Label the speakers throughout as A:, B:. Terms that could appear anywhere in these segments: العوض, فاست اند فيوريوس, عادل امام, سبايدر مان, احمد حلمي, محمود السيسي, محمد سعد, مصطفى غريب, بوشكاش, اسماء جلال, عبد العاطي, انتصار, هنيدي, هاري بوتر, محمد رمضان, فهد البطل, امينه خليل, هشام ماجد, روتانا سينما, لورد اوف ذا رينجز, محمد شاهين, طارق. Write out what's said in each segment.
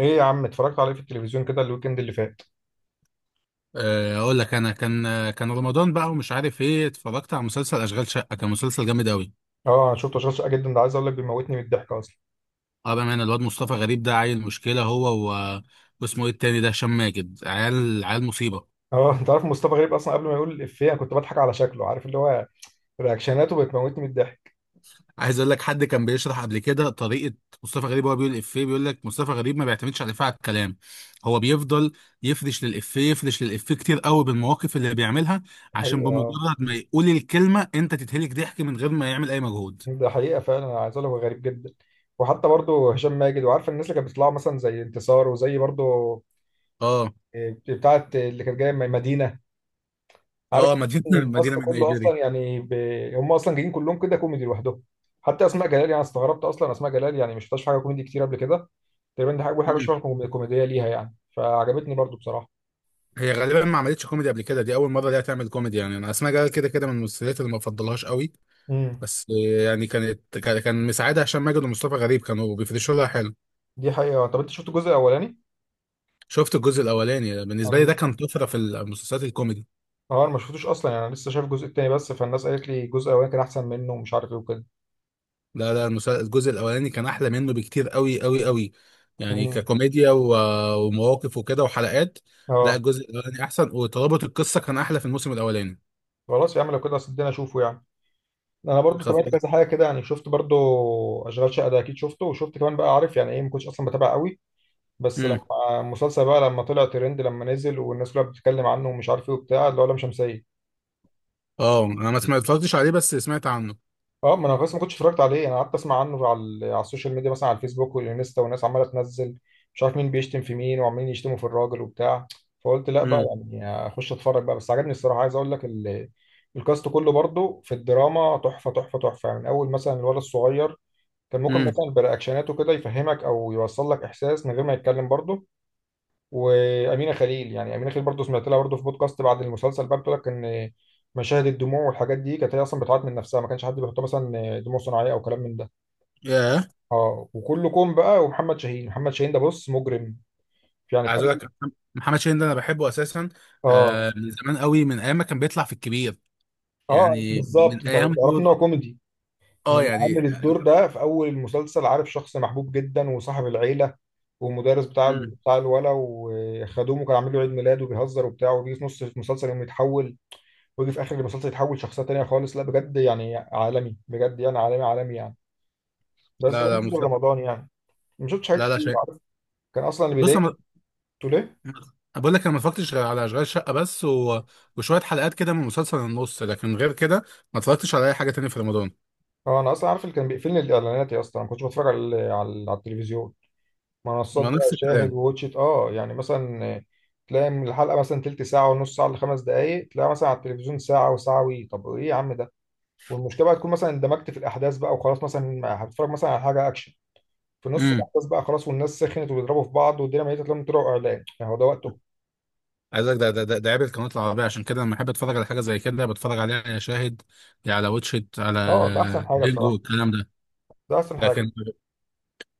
A: ايه يا عم، اتفرجت عليه في التلفزيون كده الويكند اللي فات؟
B: آه، اقول لك انا كان رمضان بقى ومش عارف ايه، اتفرجت على مسلسل اشغال شقه. كان مسلسل جامد قوي.
A: اه، انا شفته شاشه جدا. ده عايز اقول لك بيموتني من الضحك اصلا.
B: اه، بامانه الواد مصطفى غريب ده عيل مشكله، هو واسمه ايه التاني ده، هشام ماجد. عيال عيال مصيبه.
A: اه، انت عارف مصطفى غريب اصلا قبل ما يقول الافيه انا كنت بضحك على شكله، عارف اللي هو رياكشناته بتموتني من الضحك.
B: عايز اقول لك، حد كان بيشرح قبل كده طريقه مصطفى غريب وهو بيقول الافيه. بيقول لك مصطفى غريب ما بيعتمدش على الافيه، على الكلام. هو بيفضل يفرش للافيه، يفرش للافيه كتير قوي بالمواقف اللي بيعملها.
A: ده
B: عشان
A: حقيقه، اه.
B: بمجرد ما يقول الكلمه انت تتهلك ضحك من غير ما يعمل اي مجهود.
A: ده حقيقه فعلا، انا عايز اقول لك هو غريب جدا. وحتى برضه هشام ماجد، وعارف الناس اللي كانت بتطلع مثلا زي انتصار، وزي برضه
B: اه،
A: بتاعه اللي كانت جايه مدينه، عارف.
B: اه، مدينه
A: إن الكاست
B: مدينه من
A: كله
B: نيجيريا.
A: اصلا يعني هم اصلا جايين كلهم كده كوميدي لوحدهم. حتى اسماء جلال، يعني استغربت اصلا اسماء جلال يعني مش شفتهاش في حاجه كوميدي كتير قبل كده. تقريبا دي حاجه شبه كوميديه ليها، يعني فعجبتني برضو بصراحه.
B: هي غالبا ما عملتش كوميدي قبل كده، دي اول مره ليها تعمل كوميدي، يعني انا اسمها جلال كده كده من المسلسلات اللي ما بفضلهاش قوي.
A: امم.
B: بس يعني كان مساعدها هشام ماجد ومصطفى غريب كانوا بيفرشوا لها حلو.
A: دي حقيقه. طب انت شفت الجزء الاولاني؟
B: شفت الجزء الاولاني، بالنسبه لي ده
A: انا
B: كان طفره في المسلسلات الكوميدي.
A: اه، انا ما شفتوش اصلا، يعني انا لسه شايف الجزء التاني بس، فالناس قالت لي الجزء الاولاني كان احسن منه ومش عارف ايه وكده.
B: لا لا، الجزء الاولاني كان احلى منه بكتير قوي قوي قوي. يعني
A: امم.
B: ككوميديا ومواقف وكده وحلقات. لا،
A: اه.
B: الجزء الاولاني احسن، وترابط القصه كان احلى في الموسم الاولاني.
A: خلاص يا عم، لو كده صدقني اشوفه يعني. انا برضو
B: خد
A: تابعت
B: بالك.
A: كذا حاجه كده، يعني شفت برضو اشغال شقه ده اكيد شفته، وشفت كمان بقى، عارف يعني ايه، ما كنتش اصلا بتابع قوي، بس
B: امم.
A: لما المسلسل بقى لما طلع ترند لما نزل والناس كلها بتتكلم عنه ومش عارف ايه وبتاع، اللي هو لام شمسيه.
B: اه، انا ما سمعت- اتفرجتش عليه، بس سمعت عنه.
A: اه، ما انا بس ما كنتش اتفرجت عليه، انا قعدت اسمع عنه على على السوشيال ميديا، مثلا على الفيسبوك والانستا، والناس عماله تنزل مش عارف مين بيشتم في مين، وعمالين يشتموا في الراجل وبتاع. فقلت لا بقى
B: امم.
A: يعني اخش اتفرج بقى. بس عجبني الصراحه، عايز اقول لك الكاست كله برضو في الدراما تحفه تحفه تحفه، يعني من اول مثلا الولد الصغير، كان ممكن
B: امم.
A: مثلا برياكشناته كده يفهمك او يوصل لك احساس من غير ما يتكلم برضو. وامينه خليل، يعني امينه خليل برضو سمعت لها برضو في بودكاست بعد المسلسل بقى، بتقول لك ان مشاهد الدموع والحاجات دي كانت هي اصلا بتعيط من نفسها، ما كانش حد بيحطها مثلا دموع صناعيه او كلام من ده.
B: ياه.
A: اه، وكلكم بقى. ومحمد شاهين، محمد شاهين ده بص مجرم، يعني في
B: عايز
A: أول.
B: اقول لك، محمد شاهين ده انا بحبه اساسا.
A: اه.
B: آه، من زمان قوي، من ايام ما كان بيطلع في الكبير.
A: اه،
B: يعني
A: بالظبط،
B: من
A: انت
B: ايام
A: تعرف ان
B: دور.
A: هو كوميدي،
B: اه،
A: انما
B: يعني.
A: عامل الدور ده في اول المسلسل، عارف، شخص محبوب جدا وصاحب العيله ومدرس بتاع
B: مم.
A: بتاع الولا، وخدومه، كان عامل له عيد ميلاد وبيهزر وبتاع، وبيجي في نص المسلسل يقوم يتحول، ويجي في اخر المسلسل يتحول شخصيه تانيه خالص. لا بجد يعني عالمي، بجد يعني عالمي عالمي يعني. بس ده
B: لا لا
A: بالنسبه
B: مطلق.
A: لرمضان، يعني ما شفتش حاجات
B: لا لا
A: كتير،
B: شيء.
A: عارف. كان اصلا اللي
B: بص انا،
A: بيضايقني، قلت ليه،
B: أنا بقول لك ما اتفرجتش غير على اشغال شقه بس وشويه حلقات كده من مسلسل النص، لكن غير كده ما اتفرجتش على اي حاجه تانية في رمضان.
A: هو انا اصلا عارف اللي كان بيقفلني الاعلانات يا اسطى. أنا ما كنتش بتفرج على على التلفزيون، منصات
B: ما
A: بقى،
B: نفس
A: شاهد
B: الكلام.
A: ووتشت، اه يعني مثلا تلاقي من الحلقه مثلا تلت ساعه ونص ساعه لخمس دقائق، تلاقي مثلا على التلفزيون ساعه وساعه وي، طب ايه يا عم ده. والمشكله بقى تكون مثلا اندمجت في الاحداث بقى وخلاص، مثلا هتتفرج مثلا على حاجه اكشن، في نص
B: امم.
A: الاحداث بقى خلاص، والناس سخنت وبيضربوا في بعض والدنيا ميته، تلاقيهم طلعوا اعلان، يعني هو ده وقته؟
B: عايز اقول لك، ده عيب القنوات العربيه. عشان كده لما احب اتفرج على حاجه زي كده بتفرج عليها يا شاهد، يا على واتشت على
A: اه ده احسن حاجه
B: هيلو
A: بصراحه،
B: الكلام ده.
A: ده احسن حاجه.
B: لكن،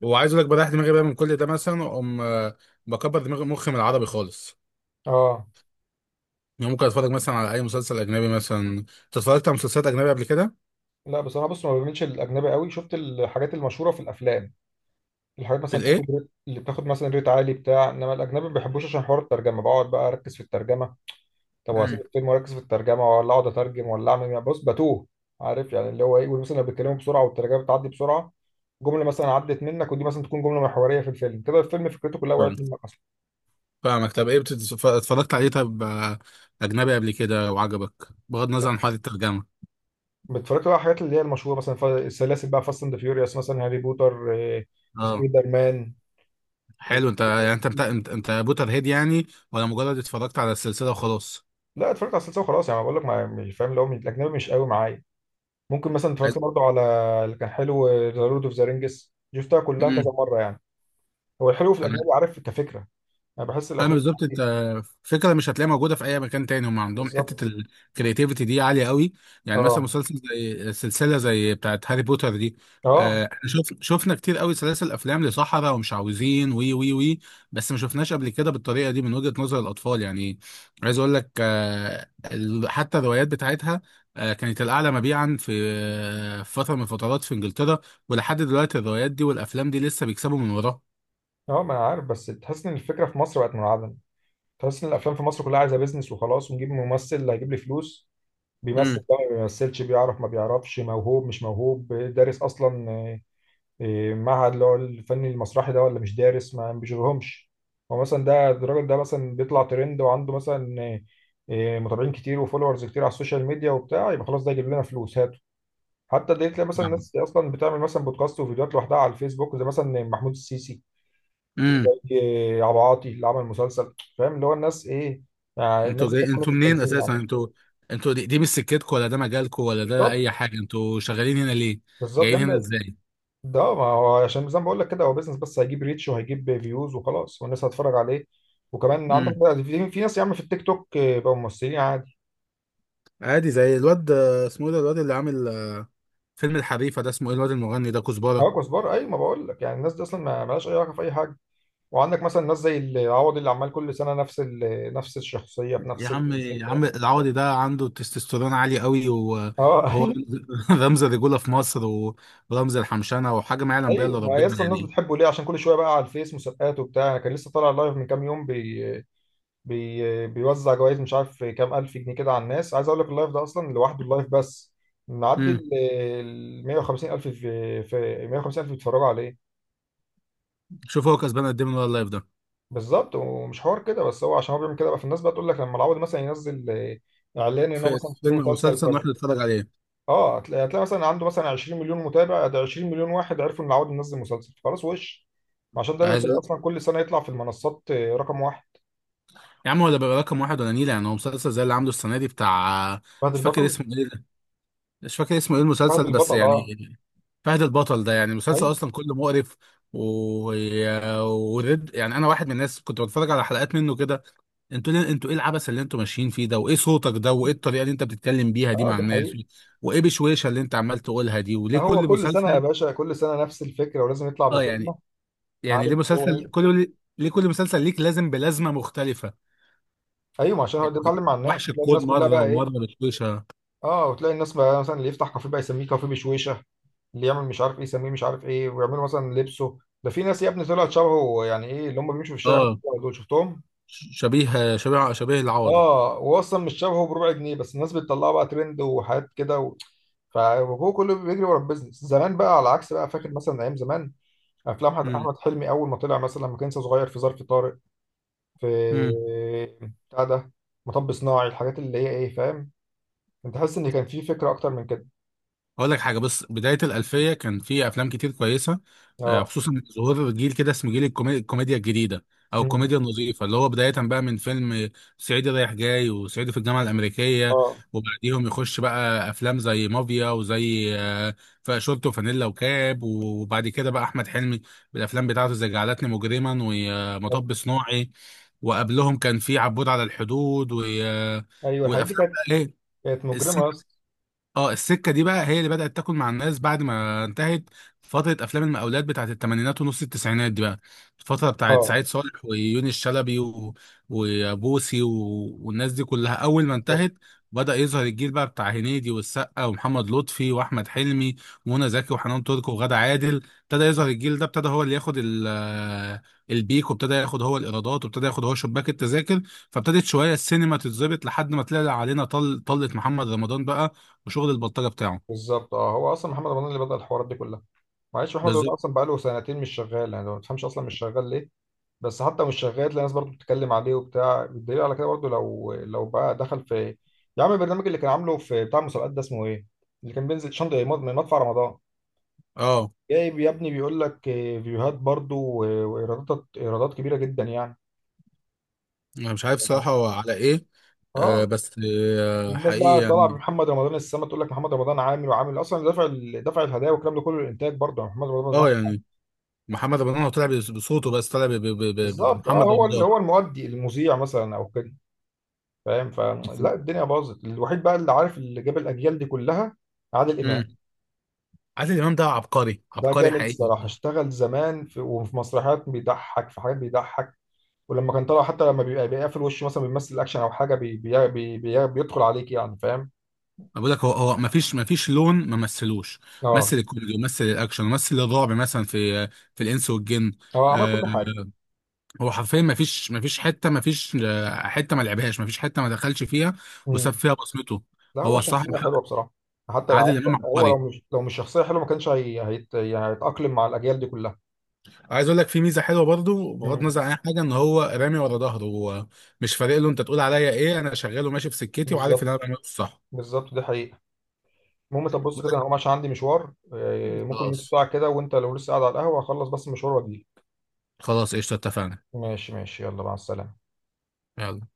B: وعايز اقول لك بريح دماغي بقى من كل ده، مثلا اقوم بكبر دماغي مخي من العربي خالص.
A: اه.
B: يعني ممكن اتفرج مثلا على اي مسلسل اجنبي. مثلا انت اتفرجت على مسلسلات اجنبي قبل كده؟
A: لا، بس انا بص ما بعملش الاجنبي قوي، شفت الحاجات المشهوره في الافلام، الحاجات
B: في
A: مثلا
B: الايه؟
A: بتاخد ريت، اللي بتاخد مثلا ريت عالي بتاع، انما الاجنبي ما بحبوش عشان حوار الترجمه، بقعد بقى اركز في الترجمه. طب واسيب
B: امم.
A: الفيلم واركز في الترجمه، ولا اقعد اترجم، ولا اعمل، يعني بص بتوه، عارف يعني اللي هو ايه، مثلا لو بيتكلموا بسرعه والترجمه بتعدي بسرعه، جمله مثلا عدت منك، ودي مثلا تكون جمله محوريه في الفيلم كده، الفيلم فكرته كلها
B: فاهم.
A: وقعت منك.
B: فاهمك. طب ايه اتفرجت عليه؟ طب اجنبي قبل كده وعجبك، بغض النظر عن حوار الترجمه؟
A: بتتفرج بقى على الحاجات اللي هي المشهوره مثلا السلاسل بقى، فاست اند فيوريوس مثلا، هاري بوتر،
B: اه،
A: سبايدر مان. إيه.
B: حلو، انت يعني انت بوتر هيد يعني؟ ولا مجرد اتفرجت على السلسله وخلاص؟
A: لا، اتفرجت على السلسله وخلاص يعني، بقول لك مش فاهم اللي هو الاجنبي مش قوي معايا. ممكن مثلا اتفرجت
B: عايز
A: برضه على اللي كان حلو، ذا لورد اوف ذا رينجز، شفتها كلها كذا
B: مم.
A: مره يعني. هو الحلو في الاجنبي، عارف، كفكره، انا بحس
B: انا
A: الافلام
B: بالظبط انت.
A: دي-
B: فكره مش هتلاقيها موجوده في اي مكان تاني. هم عندهم حته
A: بالظبط.
B: الكرياتيفيتي دي عاليه قوي. يعني مثلا
A: اه.
B: مسلسل زي سلسله زي بتاعه هاري بوتر دي،
A: اه.
B: احنا شفنا كتير قوي سلاسل افلام لصحراء ومش عاوزين وي وي وي. بس ما شفناش قبل كده بالطريقه دي، من وجهه نظر الاطفال يعني. عايز اقول لك، حتى الروايات بتاعتها كانت الاعلى مبيعا في فتره من الفترات في انجلترا. ولحد دلوقتي الروايات دي والافلام دي لسه بيكسبوا من وراها.
A: اه، ما انا عارف، بس تحس ان الفكره في مصر بقت منعدمه، تحس ان الافلام في مصر كلها عايزه بيزنس وخلاص، ونجيب ممثل اللي هيجيب لي فلوس، بيمثل
B: امم.
A: بقى ما بيمثلش، بيعرف ما بيعرفش، موهوب مش موهوب، دارس اصلا معهد اللي هو الفن المسرحي ده، ولا مش دارس، ما بيشغلهمش. هو مثلا ده الراجل ده مثلا بيطلع ترند، وعنده مثلا متابعين كتير وفولورز كتير على السوشيال ميديا وبتاع، يبقى خلاص ده يجيب لنا فلوس، هاته. حتى دي تلاقي مثلا ناس اصلا بتعمل مثلا بودكاست وفيديوهات لوحدها على الفيسبوك، زي مثلا محمود السيسي،
B: امم.
A: وزي عبد العاطي اللي عمل مسلسل، فاهم اللي هو الناس ايه،
B: انتوا
A: الناس
B: جاي،
A: دي كانت في
B: انتوا منين
A: التمثيل
B: اساسا؟
A: معلش.
B: انتوا، انتوا دي مش سكتكم ولا ده مجالكم ولا ده
A: بالظبط،
B: اي حاجه. انتوا شغالين هنا ليه؟
A: بالظبط
B: جايين
A: يعني.
B: هنا ازاي؟
A: ده ما هو عشان زي ما بقول لك كده، هو بيزنس بس، هيجيب ريتش وهيجيب فيوز وخلاص، والناس هتتفرج عليه. وكمان عندك
B: امم.
A: بقى في ناس يا عم في التيك توك بقوا ممثلين عادي.
B: عادي، زي الواد اسمه ايه ده، الواد اللي عامل فيلم الحريفه ده، اسمه ايه الواد المغني ده، كزبره.
A: هو كزبار، اي ما بقول لك يعني الناس دي اصلا ما مالهاش اي علاقه في اي حاجه. وعندك مثلا ناس زي العوض، اللي عمال كل سنه نفس نفس الشخصيه في
B: يا
A: نفس
B: عم، يا
A: الفكره.
B: عم العوضي ده عنده تستوستيرون عالي قوي
A: اه.
B: وهو رمز الرجوله في مصر ورمز الحمشنه، وحاجه ما يعلم بها الا
A: ايوه، ما هي
B: ربنا
A: اصلا الناس
B: يعني.
A: بتحبه ليه؟ عشان كل شويه بقى على الفيس مسابقات وبتاع، أنا كان لسه طالع لايف من كام يوم، بي بي بيوزع جوائز، مش عارف كام الف جنيه كده على الناس. عايز اقول لك اللايف ده اصلا لوحده، اللايف بس معدي
B: امم.
A: ال 150 الف، في 150 الف بيتفرجوا عليه.
B: شوف هو كسبان قد ايه من ورا اللايف ده.
A: بالظبط، ومش حوار كده بس، هو عشان هو بيعمل كده بقى، فالناس بقى تقول لك لما العوض مثلا ينزل اعلان ان هو
B: في
A: مثلا
B: في
A: في
B: فيلم او
A: مسلسل
B: مسلسل نروح
A: كذا.
B: نتفرج عليه.
A: اه، هتلاقي هتلاقي مثلا عنده مثلا 20 مليون متابع، ده 20 مليون واحد عرفوا ان العوض منزل مسلسل، خلاص وش، عشان ده اللي بتلاقيه
B: عايز
A: اصلا كل سنه يطلع في المنصات رقم واحد.
B: يا عم هو ده بيبقى رقم واحد ولا نيلة؟ يعني هو مسلسل زي اللي عامله السنة دي بتاع،
A: فهد
B: مش فاكر
A: البطل.
B: اسمه ايه ده، مش فاكر اسمه ايه
A: فهد
B: المسلسل بس،
A: البطل،
B: يعني
A: اه.
B: فهد البطل ده يعني مسلسل
A: ايوه.
B: اصلا كله مقرف و... ورد. يعني انا واحد من الناس كنت بتفرج على حلقات منه كده. انتوا ايه العبث اللي انتوا ماشيين فيه ده؟ وايه صوتك ده، وايه الطريقة اللي انت بتتكلم بيها دي
A: اه،
B: مع
A: ده
B: الناس،
A: حقيقي.
B: وايه بشويشة اللي انت عمال تقولها دي، وليه
A: هو
B: كل
A: كل سنه يا
B: مسلسل؟
A: باشا، كل سنه نفس الفكره، ولازم يطلع
B: اه، يعني،
A: بكلمه،
B: يعني
A: عارف
B: ليه
A: هو
B: مسلسل
A: ايه.
B: كل ليه كل مسلسل ليك لازم بلازمة مختلفة؟
A: ايوه، ما عشان هو ده يتعلم
B: يعني
A: مع الناس،
B: وحش
A: وتلاقي
B: الكون
A: الناس كلها
B: مرة
A: بقى ايه.
B: ومرة بشويشة.
A: اه، وتلاقي الناس بقى مثلا اللي يفتح كافيه بقى يسميه كافيه بشويشه، اللي يعمل مش عارف ايه يسميه مش عارف ايه، ويعملوا مثلا لبسه، ده في ناس يا ابني طلعت شبهه، يعني ايه اللي هم بيمشوا في الشارع،
B: اه،
A: دول شفتهم.
B: شبيه العوضي.
A: اه، هو اصلا مش شبهه بربع جنيه، بس الناس بتطلعه بقى ترند وحاجات كده فهو كله بيجري ورا البيزنس. زمان بقى على عكس بقى، فاكر مثلا ايام زمان افلام
B: مم.
A: أحمد حلمي اول ما طلع مثلا لما كان لسه صغير، في ظرف طارق، في
B: مم.
A: بتاع ده، مطب صناعي، الحاجات اللي هي ايه، فاهم، انت حاسس ان كان في فكره اكتر من كده.
B: هقول لك حاجه. بص، بدايه الالفيه كان في افلام كتير كويسه،
A: اه.
B: خصوصا ظهور جيل كده اسمه جيل الكوميديا الجديده، او
A: مم.
B: الكوميديا النظيفه. اللي هو بدايه بقى من فيلم صعيدي رايح جاي، وصعيدي في الجامعه الامريكيه.
A: اه.
B: وبعديهم يخش بقى افلام زي مافيا، وزي شورت وفانيلا وكاب. وبعد كده بقى احمد حلمي بالافلام بتاعته زي جعلتني مجرما
A: طب-
B: ومطب صناعي. وقبلهم كان في عبود على الحدود
A: ايوه، الحاجات دي
B: والافلام
A: كانت
B: بقى، ايه،
A: كانت مجرمه اصلا.
B: اه، السكه دي بقى هي اللي بدات تاكل مع الناس بعد ما انتهت فتره افلام المقاولات بتاعت الثمانينات ونص التسعينات دي بقى. الفتره بتاعت
A: اه.
B: سعيد صالح ويونس شلبي وبوسي والناس دي كلها، اول ما
A: بالظبط.
B: انتهت بدا يظهر الجيل بقى بتاع هنيدي والسقا ومحمد لطفي واحمد حلمي ومنى زكي وحنان ترك وغادة عادل. ابتدى يظهر الجيل ده، ابتدى هو اللي ياخد البيك، وابتدى ياخد هو الايرادات، وابتدى ياخد هو شباك التذاكر. فابتدت شويه السينما تتظبط لحد ما طلع علينا طلت محمد رمضان بقى وشغل البلطجة بتاعه.
A: بالظبط. اه، هو اصلا محمد رمضان اللي بدأ الحوارات دي كلها. معلش، محمد رمضان
B: بالظبط.
A: اصلا بقاله سنتين مش شغال، يعني ما تفهمش اصلا مش شغال ليه. بس حتى مش شغال تلاقي الناس برضه بتتكلم عليه وبتاع. الدليل على كده برضه، لو بقى دخل في، يا عم البرنامج اللي كان عامله في بتاع المسابقات ده، اسمه ايه، اللي كان بينزل شنطه، مدفع رمضان،
B: اه،
A: جايب يا ابني، بيقول لك فيوهات برضو وايرادات، ايرادات كبيره جدا يعني.
B: انا مش عارف صراحة هو على ايه، آه،
A: اه،
B: بس آه
A: الناس
B: حقيقي
A: بقى طالعه
B: يعني.
A: بمحمد رمضان السما، تقول لك محمد رمضان عامل وعامل، اصلا دافع دافع الهدايا والكلام ده كله، الانتاج برضو، يعني محمد رمضان ما دفعش
B: اه
A: حاجة.
B: يعني، محمد رمضان هو طلع بصوته، بس طلع
A: بالظبط، اه،
B: بمحمد
A: هو اللي
B: رمضان.
A: هو المؤدي، المذيع مثلا او كده، فاهم، فلا الدنيا باظت. الوحيد بقى اللي عارف، اللي جاب الاجيال دي كلها، عادل
B: امم.
A: امام.
B: عادل امام ده عبقري،
A: ده
B: عبقري
A: جامد
B: حقيقي
A: الصراحه،
B: يعني.
A: اشتغل زمان في وفي مسرحيات، بيضحك في حاجات بيضحك، ولما كان طالع حتى لما بيبقى بيقفل وشه مثلا بيمثل اكشن او حاجه بي بي بي بي بيدخل عليك يعني، فاهم.
B: أنا بقول لك، هو ما فيش لون ما مثلوش. مثل
A: اه،
B: الكوميدي ومثل الاكشن ومثل الرعب مثلا، في الانس والجن.
A: هو عمل
B: آه،
A: كل حاجه.
B: هو حرفيا ما فيش حته، ما فيش حته ما لعبهاش، ما فيش حته ما دخلش فيها، وساب
A: امم.
B: فيها بصمته.
A: لا، هو
B: هو الصراحه
A: شخصيه حلوه بصراحه، حتى
B: عادل
A: لو
B: امام
A: هو،
B: عبقري.
A: لو مش شخصيه حلوه ما كانش يعني هيتاقلم مع الاجيال دي كلها.
B: عايز اقول لك، في ميزه حلوه برضو بغض
A: امم.
B: النظر عن اي حاجه، ان هو رامي ورا ظهره. هو مش فارق له انت تقول عليا ايه، انا شغال وماشي في سكتي، وعارف ان
A: بالظبط،
B: انا بعمله الصح.
A: بالظبط، دي حقيقه. المهم طب بص
B: بقول
A: كده، انا
B: لك،
A: هقوم عشان عندي مشوار ممكن نص
B: خلاص،
A: ساعه كده، وانت لو لسه قاعد على القهوه هخلص بس المشوار واجيلك.
B: خلاص قشطه اتفقنا.
A: ماشي ماشي، يلا مع السلامه.
B: يلا.